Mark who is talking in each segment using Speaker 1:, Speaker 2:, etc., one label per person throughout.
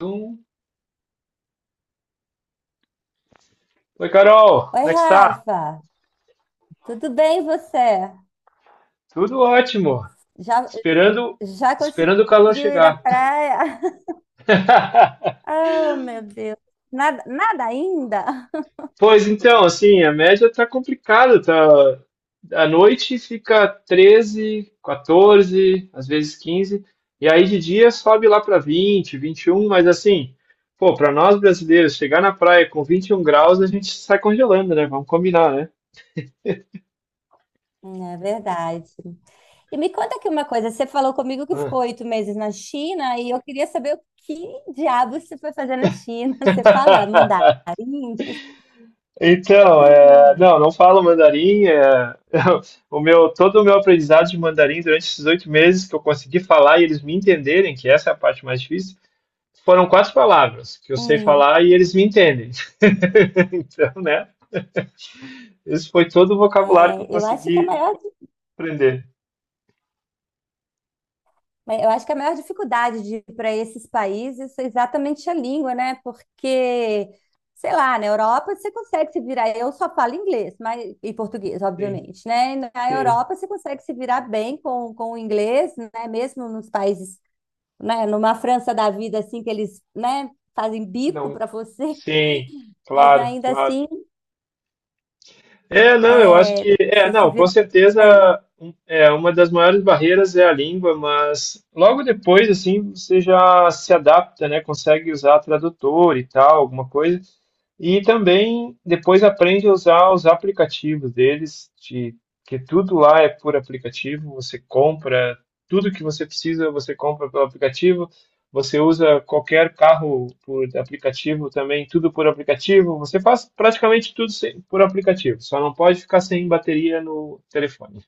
Speaker 1: Um. Oi, Carol,
Speaker 2: Oi,
Speaker 1: como é que está?
Speaker 2: Rafa, tudo bem e você?
Speaker 1: Tudo ótimo.
Speaker 2: Já,
Speaker 1: Esperando,
Speaker 2: já conseguiu
Speaker 1: esperando o calor
Speaker 2: ir à
Speaker 1: chegar.
Speaker 2: praia? Oh, meu Deus, nada, nada ainda?
Speaker 1: Pois então, assim, a média tá complicada, tá. À noite fica 13 14, às vezes 15 e aí de dia sobe lá para 20 21, mas assim, pô, para nós brasileiros chegar na praia com 21 graus, a gente sai congelando, né? Vamos combinar, né?
Speaker 2: É verdade. E me conta aqui uma coisa, você falou comigo que ficou
Speaker 1: Ah.
Speaker 2: 8 meses na China e eu queria saber o que diabos você foi fazer na China. Você fala mandarim?
Speaker 1: Então, é, não, não falo mandarim. É. Todo o meu aprendizado de mandarim durante esses 8 meses, que eu consegui falar e eles me entenderem, que essa é a parte mais difícil, foram quatro palavras que eu sei
Speaker 2: Hum,
Speaker 1: falar e eles me entendem. Então, né? Esse foi todo o vocabulário que eu
Speaker 2: é, eu acho que a
Speaker 1: consegui
Speaker 2: maior
Speaker 1: aprender.
Speaker 2: Eu acho que a maior dificuldade de ir para esses países é exatamente a língua, né? Porque, sei lá, na Europa você consegue se virar. Eu só falo inglês, mas e português,
Speaker 1: Sim,
Speaker 2: obviamente, né? E na
Speaker 1: sim,
Speaker 2: Europa você consegue se virar bem com o inglês, né? Mesmo nos países, né? Numa França da vida, assim, que eles, né? Fazem bico
Speaker 1: não,
Speaker 2: para você,
Speaker 1: sim,
Speaker 2: mas
Speaker 1: claro,
Speaker 2: ainda
Speaker 1: claro.
Speaker 2: assim,
Speaker 1: É, não, eu acho
Speaker 2: é,
Speaker 1: que é,
Speaker 2: você se
Speaker 1: não, com
Speaker 2: vira.
Speaker 1: certeza
Speaker 2: É,
Speaker 1: é uma das maiores barreiras é a língua, mas logo depois assim você já se adapta, né? Consegue usar tradutor e tal, alguma coisa. E também depois aprende a usar os aplicativos deles, que tudo lá é por aplicativo, você compra tudo que você precisa, você compra pelo aplicativo. Você usa qualquer carro por aplicativo também, tudo por aplicativo. Você faz praticamente tudo por aplicativo, só não pode ficar sem bateria no telefone.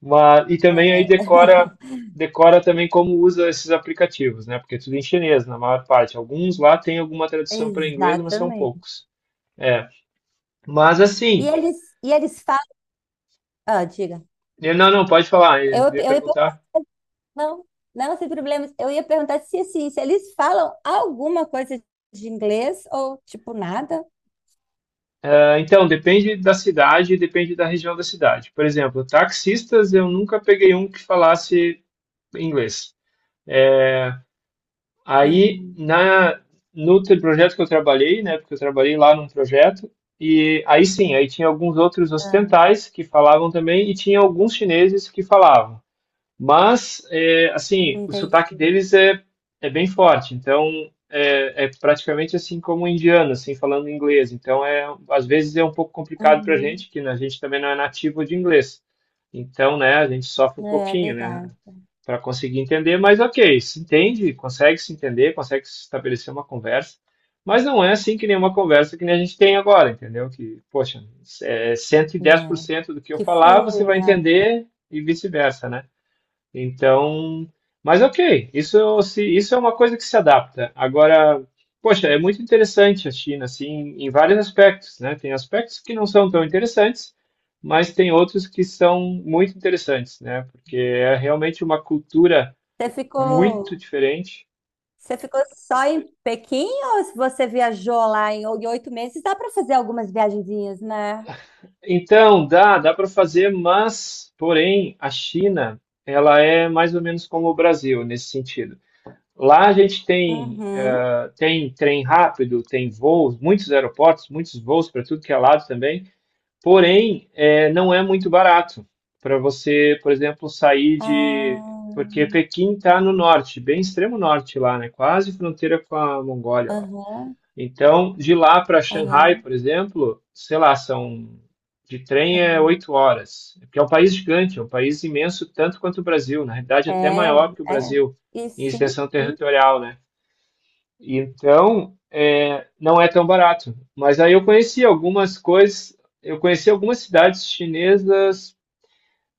Speaker 1: Mas, e também aí
Speaker 2: é,
Speaker 1: decora, decora também como usa esses aplicativos, né? Porque é tudo em chinês, na maior parte. Alguns lá tem alguma tradução para inglês, mas são
Speaker 2: exatamente.
Speaker 1: poucos. É. Mas
Speaker 2: E
Speaker 1: assim,
Speaker 2: eles, e eles falam. Ah, diga.
Speaker 1: não, não, pode falar, eu
Speaker 2: Eu,
Speaker 1: ia
Speaker 2: eu ia perguntar.
Speaker 1: perguntar.
Speaker 2: Não, não, sem problemas. Eu ia perguntar se, assim, se eles falam alguma coisa de inglês ou, tipo, nada.
Speaker 1: Ah, então, depende da cidade, depende da região da cidade. Por exemplo, taxistas, eu nunca peguei um que falasse em inglês. Aí,
Speaker 2: Uhum.
Speaker 1: no projeto que eu trabalhei, né, porque eu trabalhei lá num projeto, e aí sim, aí tinha alguns outros
Speaker 2: Ah,
Speaker 1: ocidentais que falavam também, e tinha alguns chineses que falavam. Mas, é, assim, o sotaque
Speaker 2: entendi.
Speaker 1: deles é bem forte, então é praticamente assim como um indiano, assim, falando inglês. Então, é, às vezes é um pouco complicado para a
Speaker 2: Uhum.
Speaker 1: gente, que a gente também não é nativo de inglês. Então, né, a gente sofre um
Speaker 2: É
Speaker 1: pouquinho, né,
Speaker 2: verdade,
Speaker 1: para conseguir entender, mas ok, se entende, consegue se entender, consegue se estabelecer uma conversa. Mas não é assim que nenhuma conversa que nem a gente tem agora, entendeu? Que, poxa, é cento e dez por
Speaker 2: né?
Speaker 1: cento do que eu
Speaker 2: Que
Speaker 1: falar,
Speaker 2: flui,
Speaker 1: você vai
Speaker 2: né?
Speaker 1: entender, e vice-versa, né? Então, mas ok, isso, se isso é uma coisa que se adapta. Agora, poxa, é muito interessante a China, assim, em vários aspectos, né? Tem aspectos que não são tão interessantes, mas tem outros que são muito interessantes, né? Porque é realmente uma cultura
Speaker 2: Você
Speaker 1: muito
Speaker 2: ficou,
Speaker 1: diferente.
Speaker 2: você ficou só em Pequim ou se você viajou lá em 8 meses? Dá para fazer algumas viagenzinhas, né?
Speaker 1: Então, dá para fazer, mas, porém, a China, ela é mais ou menos como o Brasil nesse sentido. Lá a gente tem
Speaker 2: Uhum.
Speaker 1: tem trem rápido, tem voos, muitos aeroportos, muitos voos para tudo que é lado também. Porém, é, não é muito barato para você, por exemplo, sair de.
Speaker 2: Ah,
Speaker 1: Porque Pequim está no norte, bem extremo norte lá, né? Quase fronteira com a Mongólia lá.
Speaker 2: aham,
Speaker 1: Então, de lá para Xangai,
Speaker 2: aham,
Speaker 1: por exemplo, sei lá, são. De trem é
Speaker 2: aham.
Speaker 1: 8 horas, é porque é um país gigante, é um país imenso, tanto quanto o Brasil, na realidade é até maior que o
Speaker 2: É, é.
Speaker 1: Brasil
Speaker 2: E
Speaker 1: em
Speaker 2: sim,
Speaker 1: extensão territorial, né? Então, é, não é tão barato. Mas aí eu conheci algumas coisas, eu conheci algumas cidades chinesas,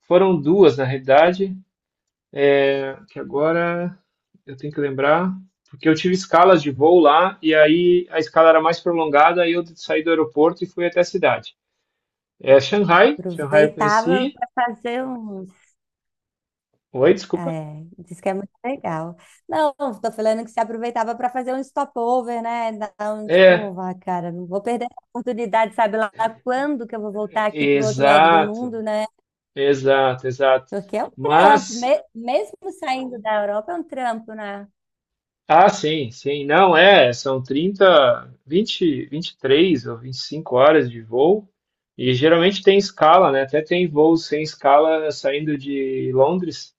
Speaker 1: foram duas na realidade, que agora eu tenho que lembrar, porque eu tive escalas de voo lá e aí a escala era mais prolongada, aí eu saí do aeroporto e fui até a cidade. É Shanghai, Shanghai eu
Speaker 2: aproveitava
Speaker 1: conheci.
Speaker 2: para fazer uns.
Speaker 1: Oi, desculpa.
Speaker 2: É, diz que é muito legal. Não, tô falando que se aproveitava para fazer um stopover, né? Então,
Speaker 1: É,
Speaker 2: tipo, vai, cara, não vou perder a oportunidade, sabe lá quando que eu vou voltar aqui pro outro lado do
Speaker 1: exato,
Speaker 2: mundo, né?
Speaker 1: exato, exato.
Speaker 2: Porque é um trampo,
Speaker 1: Mas
Speaker 2: mesmo saindo da Europa, é um trampo, né?
Speaker 1: ah, sim, sim. Não, é, são 30, 20, 23 ou 25 horas de voo. E geralmente tem escala, né? Até tem voos sem escala saindo de Londres,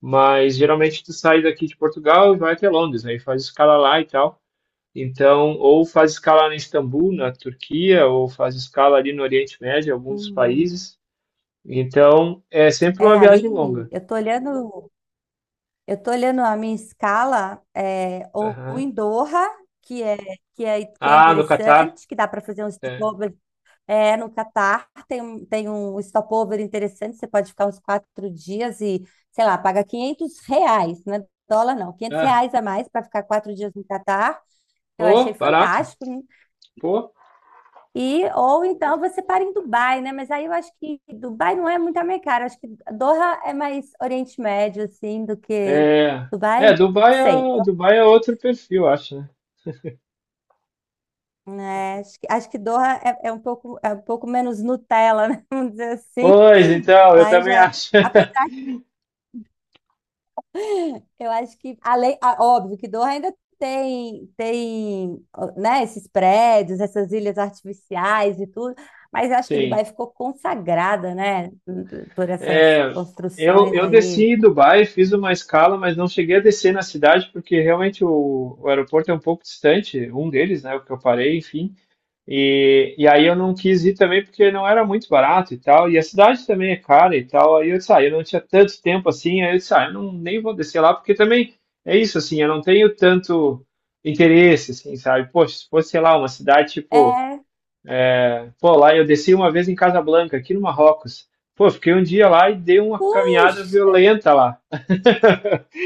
Speaker 1: mas geralmente tu sai daqui de Portugal e vai até Londres, aí faz escala lá e tal. Então, ou faz escala em Istambul, na Turquia, ou faz escala ali no Oriente Médio, em alguns
Speaker 2: Uhum.
Speaker 1: países. Então, é sempre
Speaker 2: É,
Speaker 1: uma
Speaker 2: ali,
Speaker 1: viagem longa.
Speaker 2: eu tô olhando, eu tô olhando a minha escala, é, ou
Speaker 1: Aham.
Speaker 2: em Doha, que é, que é
Speaker 1: Ah, no Catar.
Speaker 2: interessante, que dá para fazer um
Speaker 1: É.
Speaker 2: stopover. É, no Catar tem, tem um stopover interessante, você pode ficar uns 4 dias e, sei lá, paga R$ 500, não é dólar não, quinhentos
Speaker 1: Ah,
Speaker 2: reais a mais para ficar 4 dias no Catar, que eu achei
Speaker 1: oh, barato.
Speaker 2: fantástico, né?
Speaker 1: Pô.
Speaker 2: E, ou então você para em Dubai, né? Mas aí eu acho que Dubai não é muito a minha cara, acho que Doha é mais Oriente Médio, assim, do que
Speaker 1: É, é,
Speaker 2: Dubai,
Speaker 1: Dubai
Speaker 2: sei.
Speaker 1: é, Dubai é outro perfil, eu acho, né?
Speaker 2: Né? Acho que Doha é um pouco, é um pouco menos Nutella, né? Vamos dizer assim.
Speaker 1: Pois, então, eu
Speaker 2: Dubai
Speaker 1: também
Speaker 2: já.
Speaker 1: acho.
Speaker 2: Eu acho que, além, ah, óbvio que Doha ainda tem, ó, né, esses prédios, essas ilhas artificiais e tudo, mas eu acho que Dubai
Speaker 1: Sim.
Speaker 2: ficou consagrada, né, por essas
Speaker 1: É, eu,
Speaker 2: construções
Speaker 1: eu
Speaker 2: aí.
Speaker 1: desci em Dubai, fiz uma escala, mas não cheguei a descer na cidade, porque realmente o aeroporto é um pouco distante, um deles, né, o que eu parei, enfim. E aí eu não quis ir também, porque não era muito barato e tal, e a cidade também é cara e tal. Aí eu disse, ah, eu não tinha tanto tempo assim, aí eu disse, ah, eu não, nem vou descer lá, porque também é isso, assim, eu não tenho tanto interesse, assim, sabe? Poxa, se fosse, sei lá, uma cidade tipo,
Speaker 2: É,
Speaker 1: pô, lá eu desci uma vez em Casablanca, aqui no Marrocos. Pô, fiquei um dia lá e dei uma caminhada
Speaker 2: puxa!
Speaker 1: violenta lá,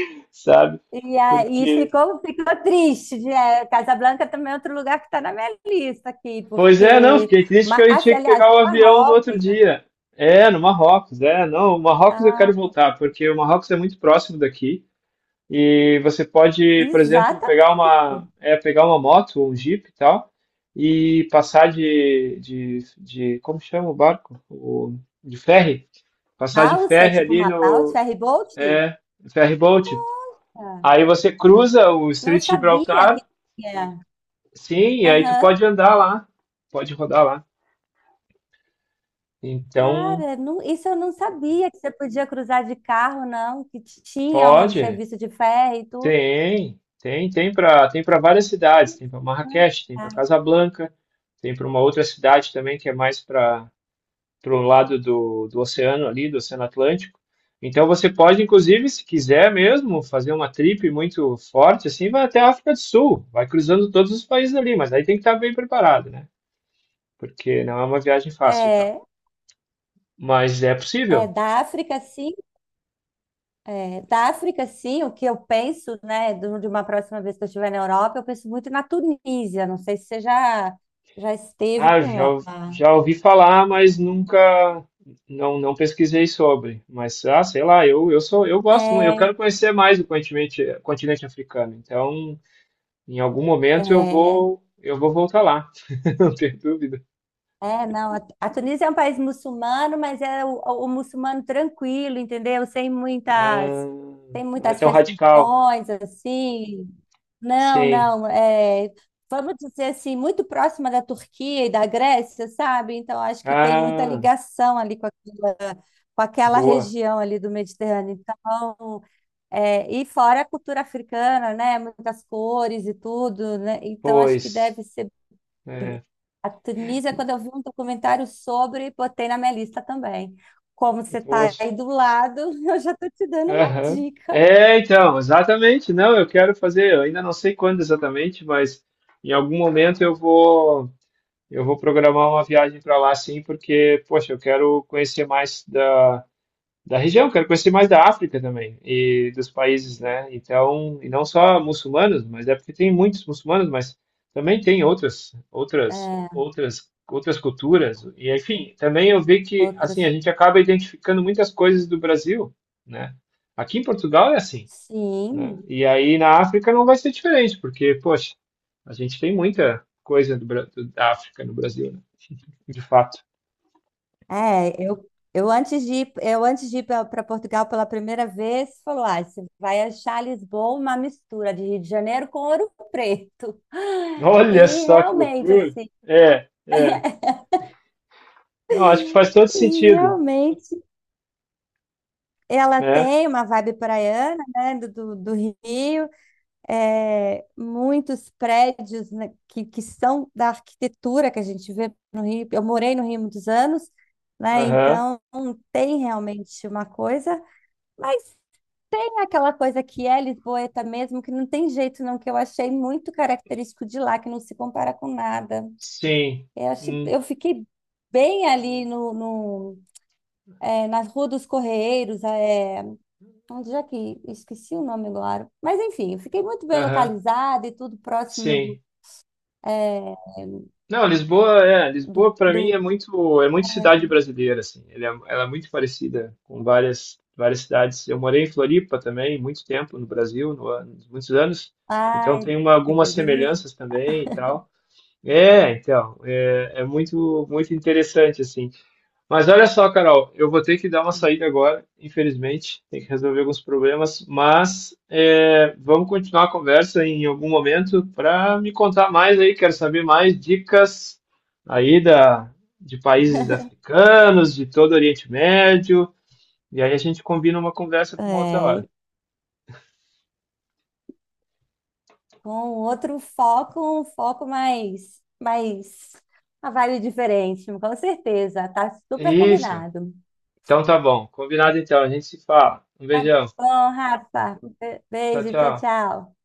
Speaker 1: sabe?
Speaker 2: E aí
Speaker 1: Porque
Speaker 2: ficou triste. É, Casablanca também é outro lugar que está na minha lista aqui,
Speaker 1: Pois é, não,
Speaker 2: porque,
Speaker 1: fiquei triste que eu
Speaker 2: ah,
Speaker 1: tinha que
Speaker 2: aliás,
Speaker 1: pegar o avião no outro
Speaker 2: Marrocos,
Speaker 1: dia. É, no Marrocos, é, não, o Marrocos eu quero
Speaker 2: ah,
Speaker 1: voltar, porque o Marrocos é muito próximo daqui, e você pode, por exemplo, pegar uma,
Speaker 2: exatamente.
Speaker 1: é, pegar uma moto ou um jeep e tal e passar de como chama o barco? De ferry, passar de
Speaker 2: Balsa,
Speaker 1: ferry
Speaker 2: tipo
Speaker 1: ali
Speaker 2: uma balsa,
Speaker 1: no,
Speaker 2: ferry boat?
Speaker 1: é, ferry boat. Aí você cruza o
Speaker 2: Não
Speaker 1: Estreito de
Speaker 2: sabia que
Speaker 1: Gibraltar,
Speaker 2: tinha.
Speaker 1: sim, e aí tu
Speaker 2: Aham.
Speaker 1: pode andar lá, pode rodar lá. Então,
Speaker 2: Cara, isso eu não sabia que você podia cruzar de carro, não, que tinha um
Speaker 1: pode,
Speaker 2: serviço de ferro e tudo,
Speaker 1: tem para várias cidades, tem para
Speaker 2: né?
Speaker 1: Marrakech, tem para
Speaker 2: Tá.
Speaker 1: Casablanca, tem para uma outra cidade também que é mais para o lado do oceano ali, do Oceano Atlântico. Então você pode, inclusive, se quiser mesmo, fazer uma trip muito forte, assim, vai até a África do Sul, vai cruzando todos os países ali, mas aí tem que estar bem preparado, né? Porque não é uma viagem fácil e tal.
Speaker 2: É,
Speaker 1: Mas é
Speaker 2: é
Speaker 1: possível.
Speaker 2: da África, sim. É, da África, sim, o que eu penso, né, de uma próxima vez que eu estiver na Europa, eu penso muito na Tunísia. Não sei se você já, já esteve
Speaker 1: Ah,
Speaker 2: por
Speaker 1: já,
Speaker 2: lá.
Speaker 1: já ouvi falar, mas nunca não pesquisei sobre. Mas ah, sei lá, eu sou, eu gosto muito, eu quero
Speaker 2: É,
Speaker 1: conhecer mais o continente africano. Então, em algum momento eu
Speaker 2: é.
Speaker 1: vou eu vou voltar lá, não tenho dúvida.
Speaker 2: É, não, a Tunísia é um país muçulmano, mas é o muçulmano tranquilo, entendeu? Sem
Speaker 1: Ah,
Speaker 2: muitas, sem
Speaker 1: não é
Speaker 2: muitas
Speaker 1: tão radical.
Speaker 2: restrições, assim. Não,
Speaker 1: Sim.
Speaker 2: não, é, vamos dizer assim, muito próxima da Turquia e da Grécia, sabe? Então, acho que tem muita
Speaker 1: Ah,
Speaker 2: ligação ali com aquela
Speaker 1: boa.
Speaker 2: região ali do Mediterrâneo. Então, é, e fora a cultura africana, né? Muitas cores e tudo, né? Então, acho que
Speaker 1: Pois.
Speaker 2: deve ser
Speaker 1: É,
Speaker 2: a Tunísia, quando eu vi um documentário sobre, botei na minha lista também. Como você está
Speaker 1: poxa.
Speaker 2: aí do lado, eu já estou te dando uma
Speaker 1: Aham.
Speaker 2: dica.
Speaker 1: É, então, exatamente. Não, eu quero fazer, eu ainda não sei quando exatamente, mas em algum momento eu vou programar uma viagem para lá, sim, porque, poxa, eu quero conhecer mais da região, quero conhecer mais da África também e dos países, né? Então, e não só muçulmanos, mas é porque tem muitos muçulmanos, mas também tem outras, outras,
Speaker 2: É,
Speaker 1: outras, outras culturas. E enfim, também eu vi que assim a
Speaker 2: outros.
Speaker 1: gente acaba identificando muitas coisas do Brasil, né? Aqui em Portugal é assim, né?
Speaker 2: Sim.
Speaker 1: E aí na África não vai ser diferente, porque, poxa, a gente tem muita coisa da África no Brasil, de fato.
Speaker 2: É, eu antes de ir para Portugal pela primeira vez, falou: ah, você vai achar Lisboa uma mistura de Rio de Janeiro com Ouro Preto.
Speaker 1: Olha
Speaker 2: E
Speaker 1: só que
Speaker 2: realmente,
Speaker 1: loucura!
Speaker 2: assim,
Speaker 1: É, é. Não, acho que faz todo
Speaker 2: e
Speaker 1: sentido,
Speaker 2: realmente ela
Speaker 1: né?
Speaker 2: tem uma vibe praiana, né, do, do Rio. É, muitos prédios, né, que são da arquitetura que a gente vê no Rio. Eu morei no Rio muitos anos, né?
Speaker 1: Aham.
Speaker 2: Então tem realmente uma coisa, mas tem aquela coisa que é lisboeta mesmo, que não tem jeito não, que eu achei muito característico de lá, que não se compara com nada.
Speaker 1: Sim.
Speaker 2: Eu achei,
Speaker 1: Hum.
Speaker 2: eu fiquei bem ali no, no é, na Rua dos Correiros, é, onde é que esqueci o nome agora. Mas enfim, eu fiquei muito bem
Speaker 1: Aham.
Speaker 2: localizada e tudo próximo
Speaker 1: Sim.
Speaker 2: é,
Speaker 1: Não, Lisboa, é,
Speaker 2: do...
Speaker 1: Lisboa para mim é muito cidade brasileira, assim. Ela é muito parecida com várias, várias cidades. Eu morei em Floripa também, muito tempo no Brasil, no, ano- muitos anos. Então
Speaker 2: Ai,
Speaker 1: tem
Speaker 2: que
Speaker 1: algumas
Speaker 2: delícia.
Speaker 1: semelhanças também e tal. É, então, é muito, muito interessante, assim. Mas olha só, Carol, eu vou ter que dar uma saída agora, infelizmente, tem que resolver alguns problemas, mas é, vamos continuar a conversa em algum momento para me contar mais aí, quero saber mais dicas aí de países africanos, de todo o Oriente Médio, e aí a gente combina uma conversa para uma outra hora.
Speaker 2: É, com outro foco, um foco mais uma vibe diferente, com certeza. Tá super
Speaker 1: Isso.
Speaker 2: combinado.
Speaker 1: Então tá bom, combinado então, a gente se fala. Um beijão.
Speaker 2: Bom, Rafa,
Speaker 1: Tchau,
Speaker 2: beijo, tchau,
Speaker 1: tchau.
Speaker 2: tchau.